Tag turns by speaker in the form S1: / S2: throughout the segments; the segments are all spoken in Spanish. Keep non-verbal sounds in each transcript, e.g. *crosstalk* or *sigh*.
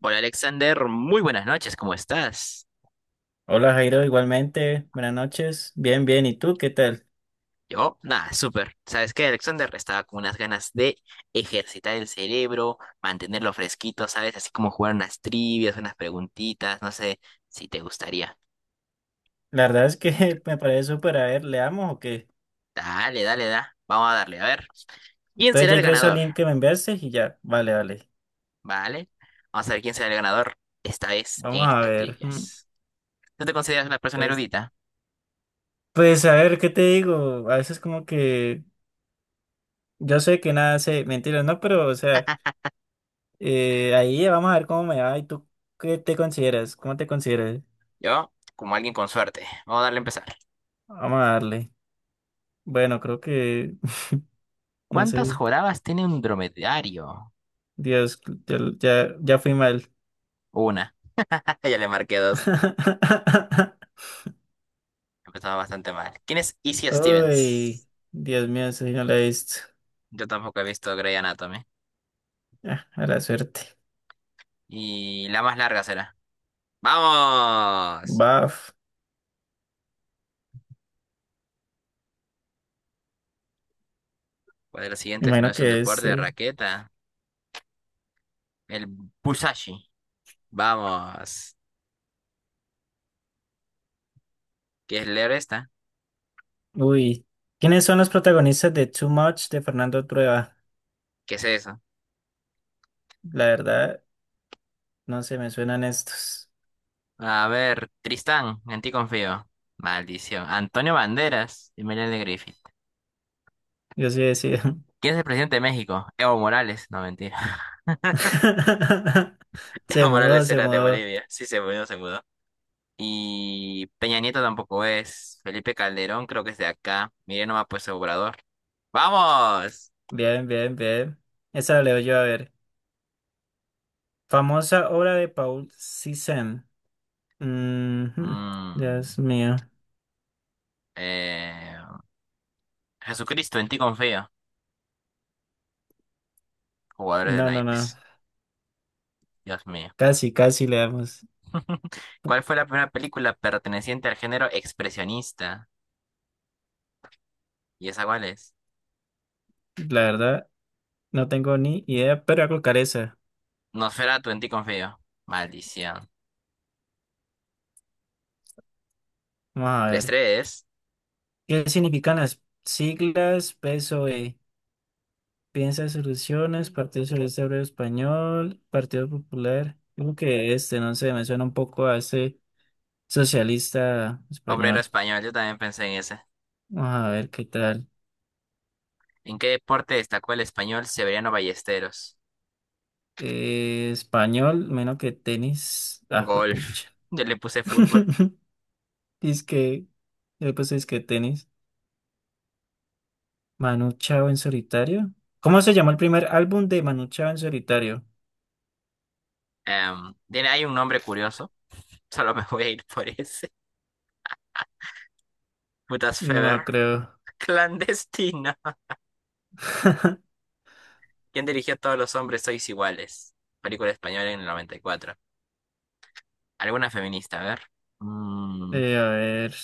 S1: Hola Alexander, muy buenas noches, ¿cómo estás?
S2: Hola Jairo, igualmente, buenas noches. Bien, bien, ¿y tú qué tal?
S1: Yo, nada, súper. ¿Sabes qué, Alexander? Estaba con unas ganas de ejercitar el cerebro, mantenerlo fresquito, ¿sabes? Así como jugar unas trivias, unas preguntitas, no sé si te gustaría.
S2: La verdad es que *laughs* me parece súper, a ver, leamos o qué.
S1: Dale, dale, da. Vamos a darle, a ver. ¿Quién
S2: Entonces
S1: será
S2: ya
S1: el
S2: ingreso al
S1: ganador?
S2: link que me enviaste y ya, vale, vale.
S1: ¿Vale? Vamos a ver quién será el ganador esta vez
S2: Vamos
S1: en
S2: a
S1: estas
S2: ver.
S1: trivias. ¿Tú te consideras una persona
S2: Pues,
S1: erudita?
S2: pues a ver, ¿qué te digo? A veces como que yo sé que nada sé, mentiras, no, pero o sea, ahí vamos a ver cómo me va y tú qué te consideras, cómo te consideras.
S1: Yo, como alguien con suerte. Vamos a darle a empezar.
S2: Vamos a darle. Bueno, *laughs* no
S1: ¿Cuántas
S2: sé.
S1: jorabas tiene un dromedario?
S2: Dios, ya fui mal.
S1: Una. *laughs* Ya le marqué dos.
S2: *laughs*
S1: Empezaba bastante mal. ¿Quién es Izzy Stevens?
S2: Uy, Dios mío, esa sí no la he visto.
S1: Yo tampoco he visto Grey Anatomy.
S2: Ah, a la suerte.
S1: Y la más larga será. ¡Vamos!
S2: Baf,
S1: ¿Cuál de los
S2: me
S1: siguientes no
S2: imagino
S1: es un
S2: que es.
S1: deporte de raqueta? El Busashi. Vamos. ¿Qué es leer esta?
S2: Uy, ¿quiénes son los protagonistas de Too Much de Fernando Trueba?
S1: ¿Qué es eso?
S2: La verdad, no se me suenan estos.
S1: A ver, Tristán, en ti confío. Maldición. Antonio Banderas y Melanie de Griffith.
S2: Yo sí decía.
S1: ¿Quién es el presidente de México? Evo Morales. No, mentira.
S2: *laughs*
S1: *laughs*
S2: Se
S1: Evo
S2: mudó,
S1: Morales
S2: se
S1: era de
S2: mudó.
S1: Bolivia. Sí, se mudó, se mudó. Y Peña Nieto tampoco es. Felipe Calderón creo que es de acá. Mire nomás pues Obrador. ¡Vamos!
S2: Bien, bien, bien. Esa la leo yo a ver. Famosa obra de Paul Cézanne. Mhm.
S1: Mm,
S2: Dios mío.
S1: eh, Jesucristo, en ti confío. Jugadores de
S2: No, no, no.
S1: naipes. Dios mío.
S2: Casi, casi le damos.
S1: *laughs* ¿Cuál fue la primera película perteneciente al género expresionista? ¿Y esa cuál es?
S2: La verdad, no tengo ni idea, pero voy a colocar esa.
S1: Nosferatu, en ti confío. Maldición.
S2: Vamos a
S1: Tres
S2: ver.
S1: tres.
S2: ¿Qué significan las siglas PSOE? Piensa soluciones, Partido Socialista Obrero Español, Partido Popular. Creo que este, no sé, me suena un poco a este socialista
S1: Obrero
S2: español.
S1: español, yo también pensé en ese.
S2: Vamos a ver qué tal.
S1: ¿En qué deporte destacó el español Severiano Ballesteros?
S2: Español, menos que tenis. Ah, fue
S1: Golf.
S2: pucha.
S1: Yo le puse fútbol.
S2: *laughs* Dice que, yo pues es que tenis. Manu Chao en solitario. ¿Cómo se llamó el primer álbum de Manu Chao en solitario?
S1: Tiene hay un nombre curioso. *laughs* Solo me voy a ir por ese. Putas
S2: No me
S1: Feber.
S2: lo creo.
S1: *laughs* Clandestina.
S2: *laughs*
S1: ¿Quién dirigió Todos los hombres sois iguales? Película española en el noventa y cuatro. ¿Alguna feminista? A ver. Mm,
S2: A ver.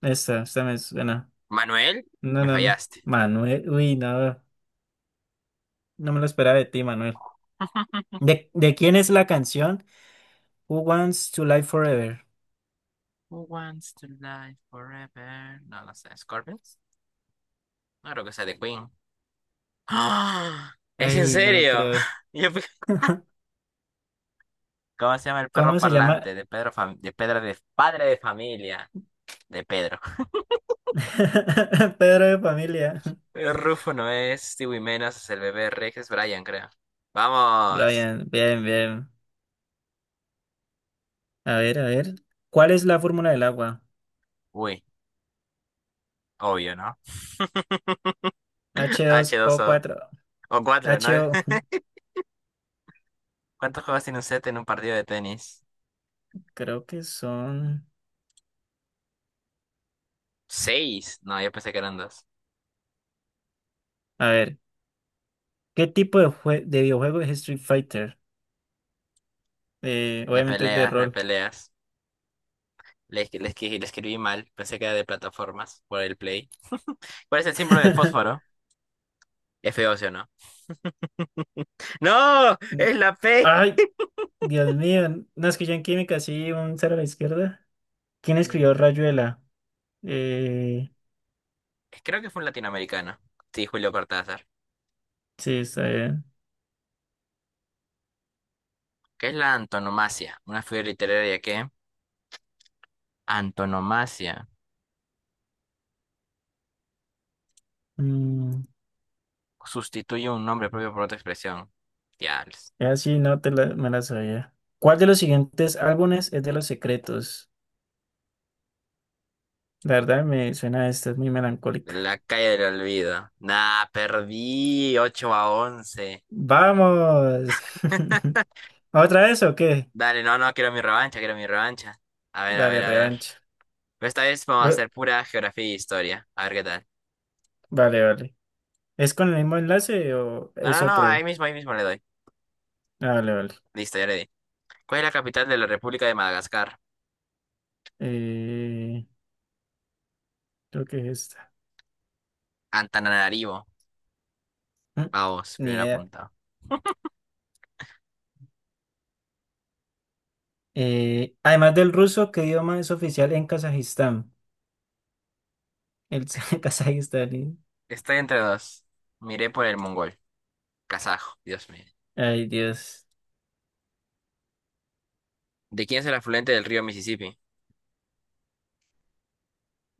S2: Esta me suena.
S1: Manuel,
S2: No,
S1: me
S2: no, no.
S1: fallaste.
S2: Manuel. Uy, no. No me lo esperaba de ti, Manuel.
S1: *laughs*
S2: ¿De quién es la canción Who Wants to Live Forever?
S1: Who wants to live forever? No lo sé. ¿Scorpions? No creo que sea de Queen. *gasps* ¡Ah! ¿Es en
S2: Ay, no lo
S1: serio?
S2: creo.
S1: *laughs* Yo pe-
S2: *laughs*
S1: ¿Cómo se llama el perro
S2: ¿Cómo se llama?
S1: parlante de Pedro Fam- de Pedro de padre de familia? De Pedro.
S2: *laughs* Pedro de familia.
S1: Rufo no es Stewie Menas, es el bebé Rex, es Brian, creo. ¡Vamos!
S2: Brian, bien, bien. A ver, a ver. ¿Cuál es la fórmula del agua?
S1: Uy, obvio, ¿no? *laughs*
S2: H dos o
S1: H2O.
S2: cuatro.
S1: O cuatro, ¿no?
S2: H O.
S1: *laughs* ¿Cuántos juegos tiene un set en un partido de tenis?
S2: *laughs* Creo que son.
S1: Seis. No, yo pensé que eran dos.
S2: A ver. ¿Qué tipo de, de videojuego es Street Fighter?
S1: De
S2: Obviamente es de
S1: peleas, de
S2: rol.
S1: peleas. Le, escri- le escribí mal, pensé que era de plataformas, por el play. *laughs* ¿Cuál es el símbolo del
S2: *laughs*
S1: fósforo? F-óseo, ¿no? ¡No! ¡Es la P!
S2: Ay, Dios mío. No, es que yo en química sí, un cero a la izquierda. ¿Quién
S1: Sí.
S2: escribió Rayuela? Eh,
S1: Creo que fue un latinoamericano. Sí, Julio Cortázar.
S2: sí, está bien.
S1: ¿Qué es la antonomasia? Una figura literaria que antonomasia.
S2: Mm,
S1: Sustituye un nombre propio por otra expresión. Diablos.
S2: ya sí, no te la, me la sabía. ¿Cuál de los siguientes álbumes es de Los Secretos? La verdad me suena esta, es muy melancólica.
S1: La calle del olvido. Nah, perdí 8 a 11.
S2: ¡Vamos! *laughs* ¿Otra vez o qué?
S1: Dale, no, no, quiero mi revancha, quiero mi revancha. A ver, a ver,
S2: Dale,
S1: a ver.
S2: revancha.
S1: Pero esta vez vamos a
S2: Re-
S1: hacer pura geografía e historia. A ver qué tal.
S2: Vale, vale. ¿Es con el mismo enlace o
S1: No,
S2: es
S1: no, no,
S2: otro?
S1: ahí mismo le doy.
S2: Ah, vale, vale.
S1: Listo, ya le di. ¿Cuál es la capital de la República de Madagascar?
S2: Eh, creo que es este.
S1: Antananarivo.
S2: Mm,
S1: Vamos,
S2: Ni
S1: primer
S2: idea.
S1: apuntado.
S2: Además del ruso, ¿qué idioma es oficial en Kazajistán? El *laughs*
S1: Es- Estoy entre dos. Miré por el mongol. Kazajo, Dios mío.
S2: Ay, Dios.
S1: ¿De quién es el afluente del río Mississippi?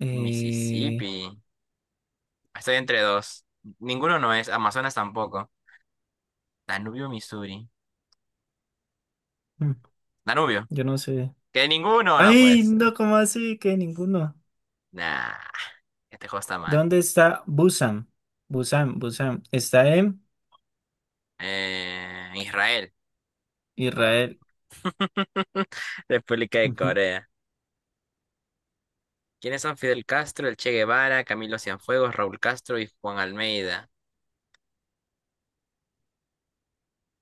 S2: Eh,
S1: Mississippi. Estoy entre dos. Ninguno no es. Amazonas tampoco. Danubio, Missouri.
S2: mm,
S1: Danubio.
S2: yo no sé.
S1: Que ninguno no puede
S2: Ay,
S1: ser.
S2: no, ¿cómo así? Que ninguno.
S1: Nah, este juego está mal.
S2: ¿Dónde está Busan? Busan, Busan. Está en
S1: Israel. No.
S2: Israel.
S1: *laughs* República de
S2: Ujú.
S1: Corea. ¿Quiénes son Fidel Castro, el Che Guevara, Camilo Cienfuegos, Raúl Castro y Juan Almeida?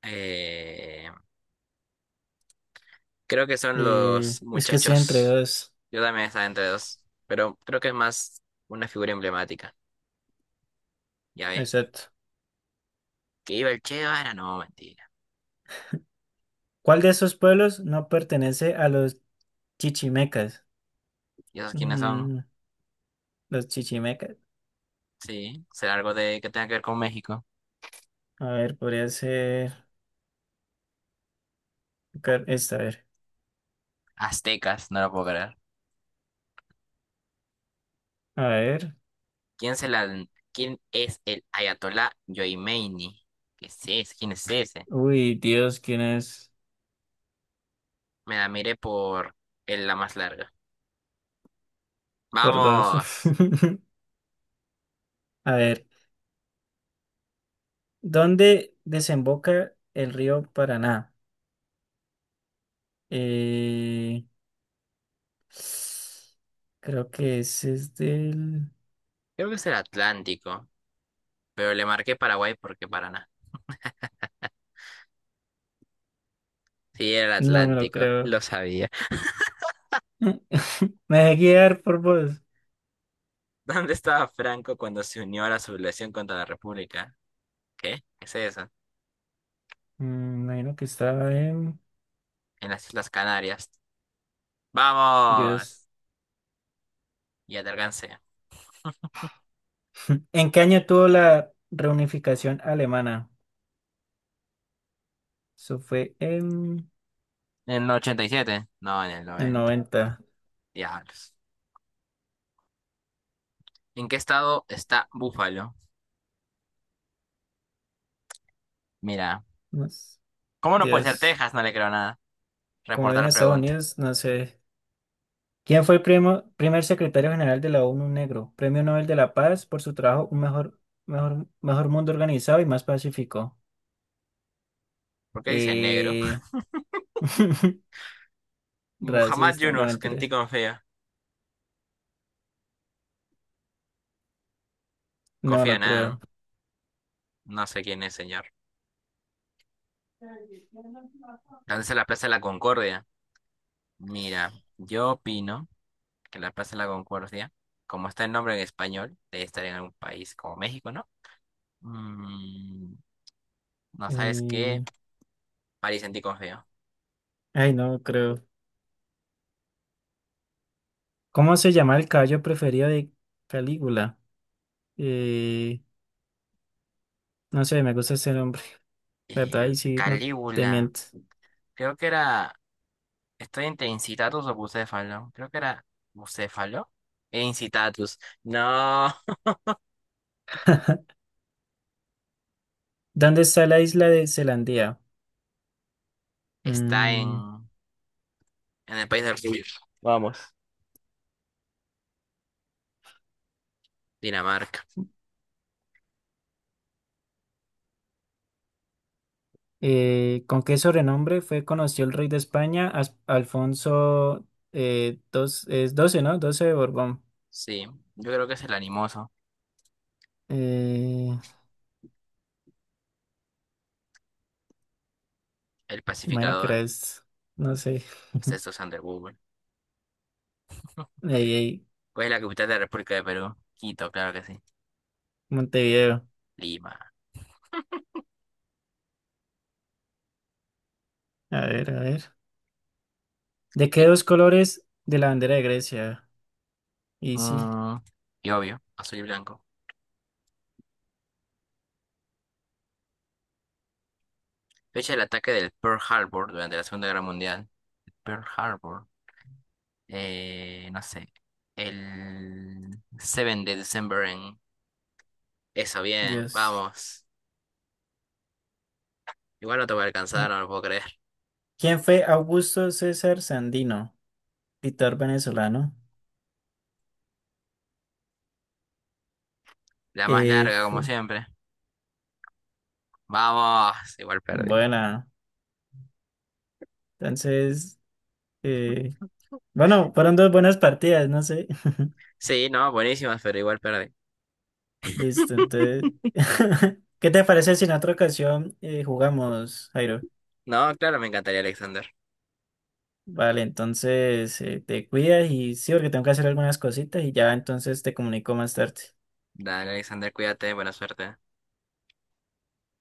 S1: Eh, creo que son los
S2: Es que estoy entre
S1: muchachos.
S2: dos.
S1: Yo también estaba entre dos, pero creo que es más una figura emblemática. ¿Ya ve?
S2: Exacto.
S1: Que iba el Che Guevara, no, mentira.
S2: ¿Cuál de esos pueblos no pertenece a los chichimecas?
S1: ¿Y esos quiénes son?
S2: Mm, los chichimecas.
S1: Sí, será algo de que tenga que ver con México.
S2: A ver, podría ser esta, a ver.
S1: Aztecas, no lo puedo creer.
S2: A ver.
S1: ¿Quién, se la, quién es el Ayatolá Yomeini? ¿Qué es ese? ¿Quién es ese?
S2: Uy, Dios, ¿quién es?
S1: Me la miré por el- la más larga.
S2: Por dos. *laughs*
S1: ¡Vamos!
S2: A ver. ¿Dónde desemboca el río Paraná? Eh, creo que ese es del...
S1: Creo que es el Atlántico, pero le marqué Paraguay porque Paraná. Sí, era el
S2: No me lo
S1: Atlántico,
S2: creo.
S1: lo sabía. *laughs*
S2: *laughs* Me dejé guiar por vos.
S1: ¿Dónde estaba Franco cuando se unió a la sublevación contra la República? ¿Qué? ¿Qué es eso?
S2: Mm, imagino que estaba en...
S1: En las Islas Canarias.
S2: Dios.
S1: ¡Vamos! Ya te alcancé.
S2: *laughs* ¿En qué año tuvo la reunificación alemana? Eso fue en
S1: ¿En el ochenta y siete? No, en el
S2: el
S1: noventa.
S2: 90.
S1: Diablos. ¿En qué estado está Búfalo? Mira,
S2: No s-
S1: ¿cómo no puede ser
S2: Dios.
S1: Texas? No le creo nada.
S2: Como
S1: Reportar
S2: viene Estados
S1: pregunta.
S2: Unidos, no sé. ¿Quién fue el primer secretario general de la ONU Negro? Premio Nobel de la Paz por su trabajo. Un mejor mundo organizado y más pacífico.
S1: ¿Por qué dice negro?
S2: Eh... *laughs*
S1: Muhammad
S2: Racista, no me
S1: Yunus, que en ti
S2: interesa.
S1: confío.
S2: No
S1: Confía
S2: lo creo.
S1: nada. No sé quién es, señor. ¿Dónde está la Plaza de la Concordia? Mira, yo opino que la Plaza de la Concordia, como está el nombre en español, debe estar en algún país como México, ¿no? Mm, no sabes qué.
S2: Eh,
S1: París, en ti confío.
S2: Ay, no lo creo. ¿Cómo se llama el caballo preferido de Calígula? Eh, No sé, me gusta ese nombre, ¿verdad? Y sí, no te
S1: Calígula.
S2: mientes.
S1: Creo que era. Estoy entre incitatus o bucéfalo. Creo que era bucéfalo. E incitatus. No,
S2: ¿Dónde está la isla de Zelandia?
S1: está
S2: Mm.
S1: en el país del sur. Vamos. Dinamarca.
S2: ¿Con qué sobrenombre fue conocido el rey de España, Alfonso dos, es 12, ¿no? Doce de Borbón.
S1: Sí, yo creo que es el animoso,
S2: Eh,
S1: el
S2: bueno, que
S1: pacificador.
S2: era no sé,
S1: Sexto Sander Google.
S2: ahí, ahí,
S1: ¿Cuál es la capital de la República de Perú? Quito, claro que sí.
S2: Montevideo.
S1: Lima.
S2: A ver, a ver. ¿De qué
S1: Tic.
S2: dos colores de la bandera de Grecia? Y sí,
S1: Mm, y obvio, azul y blanco. Fecha del ataque del Pearl Harbor durante la Segunda Guerra Mundial. Pearl Harbor. No sé. El 7 de diciembre. Eso, bien,
S2: Dios.
S1: vamos. Igual no te voy a alcanzar,
S2: No.
S1: no lo puedo creer.
S2: ¿Quién fue Augusto César Sandino, dictador venezolano?
S1: La más larga, como
S2: Fue,
S1: siempre. Vamos, igual perdí.
S2: buena. Entonces, eh, bueno, fueron dos buenas partidas, no sé.
S1: Sí, no, buenísimas, pero igual perdí.
S2: Listo, entonces. *laughs* ¿Qué te parece si en otra ocasión jugamos, Jairo?
S1: No, claro, me encantaría Alexander.
S2: Vale, entonces te cuidas y sí, porque tengo que hacer algunas cositas y ya entonces te comunico más tarde.
S1: Dale, Alexander, cuídate, buena suerte.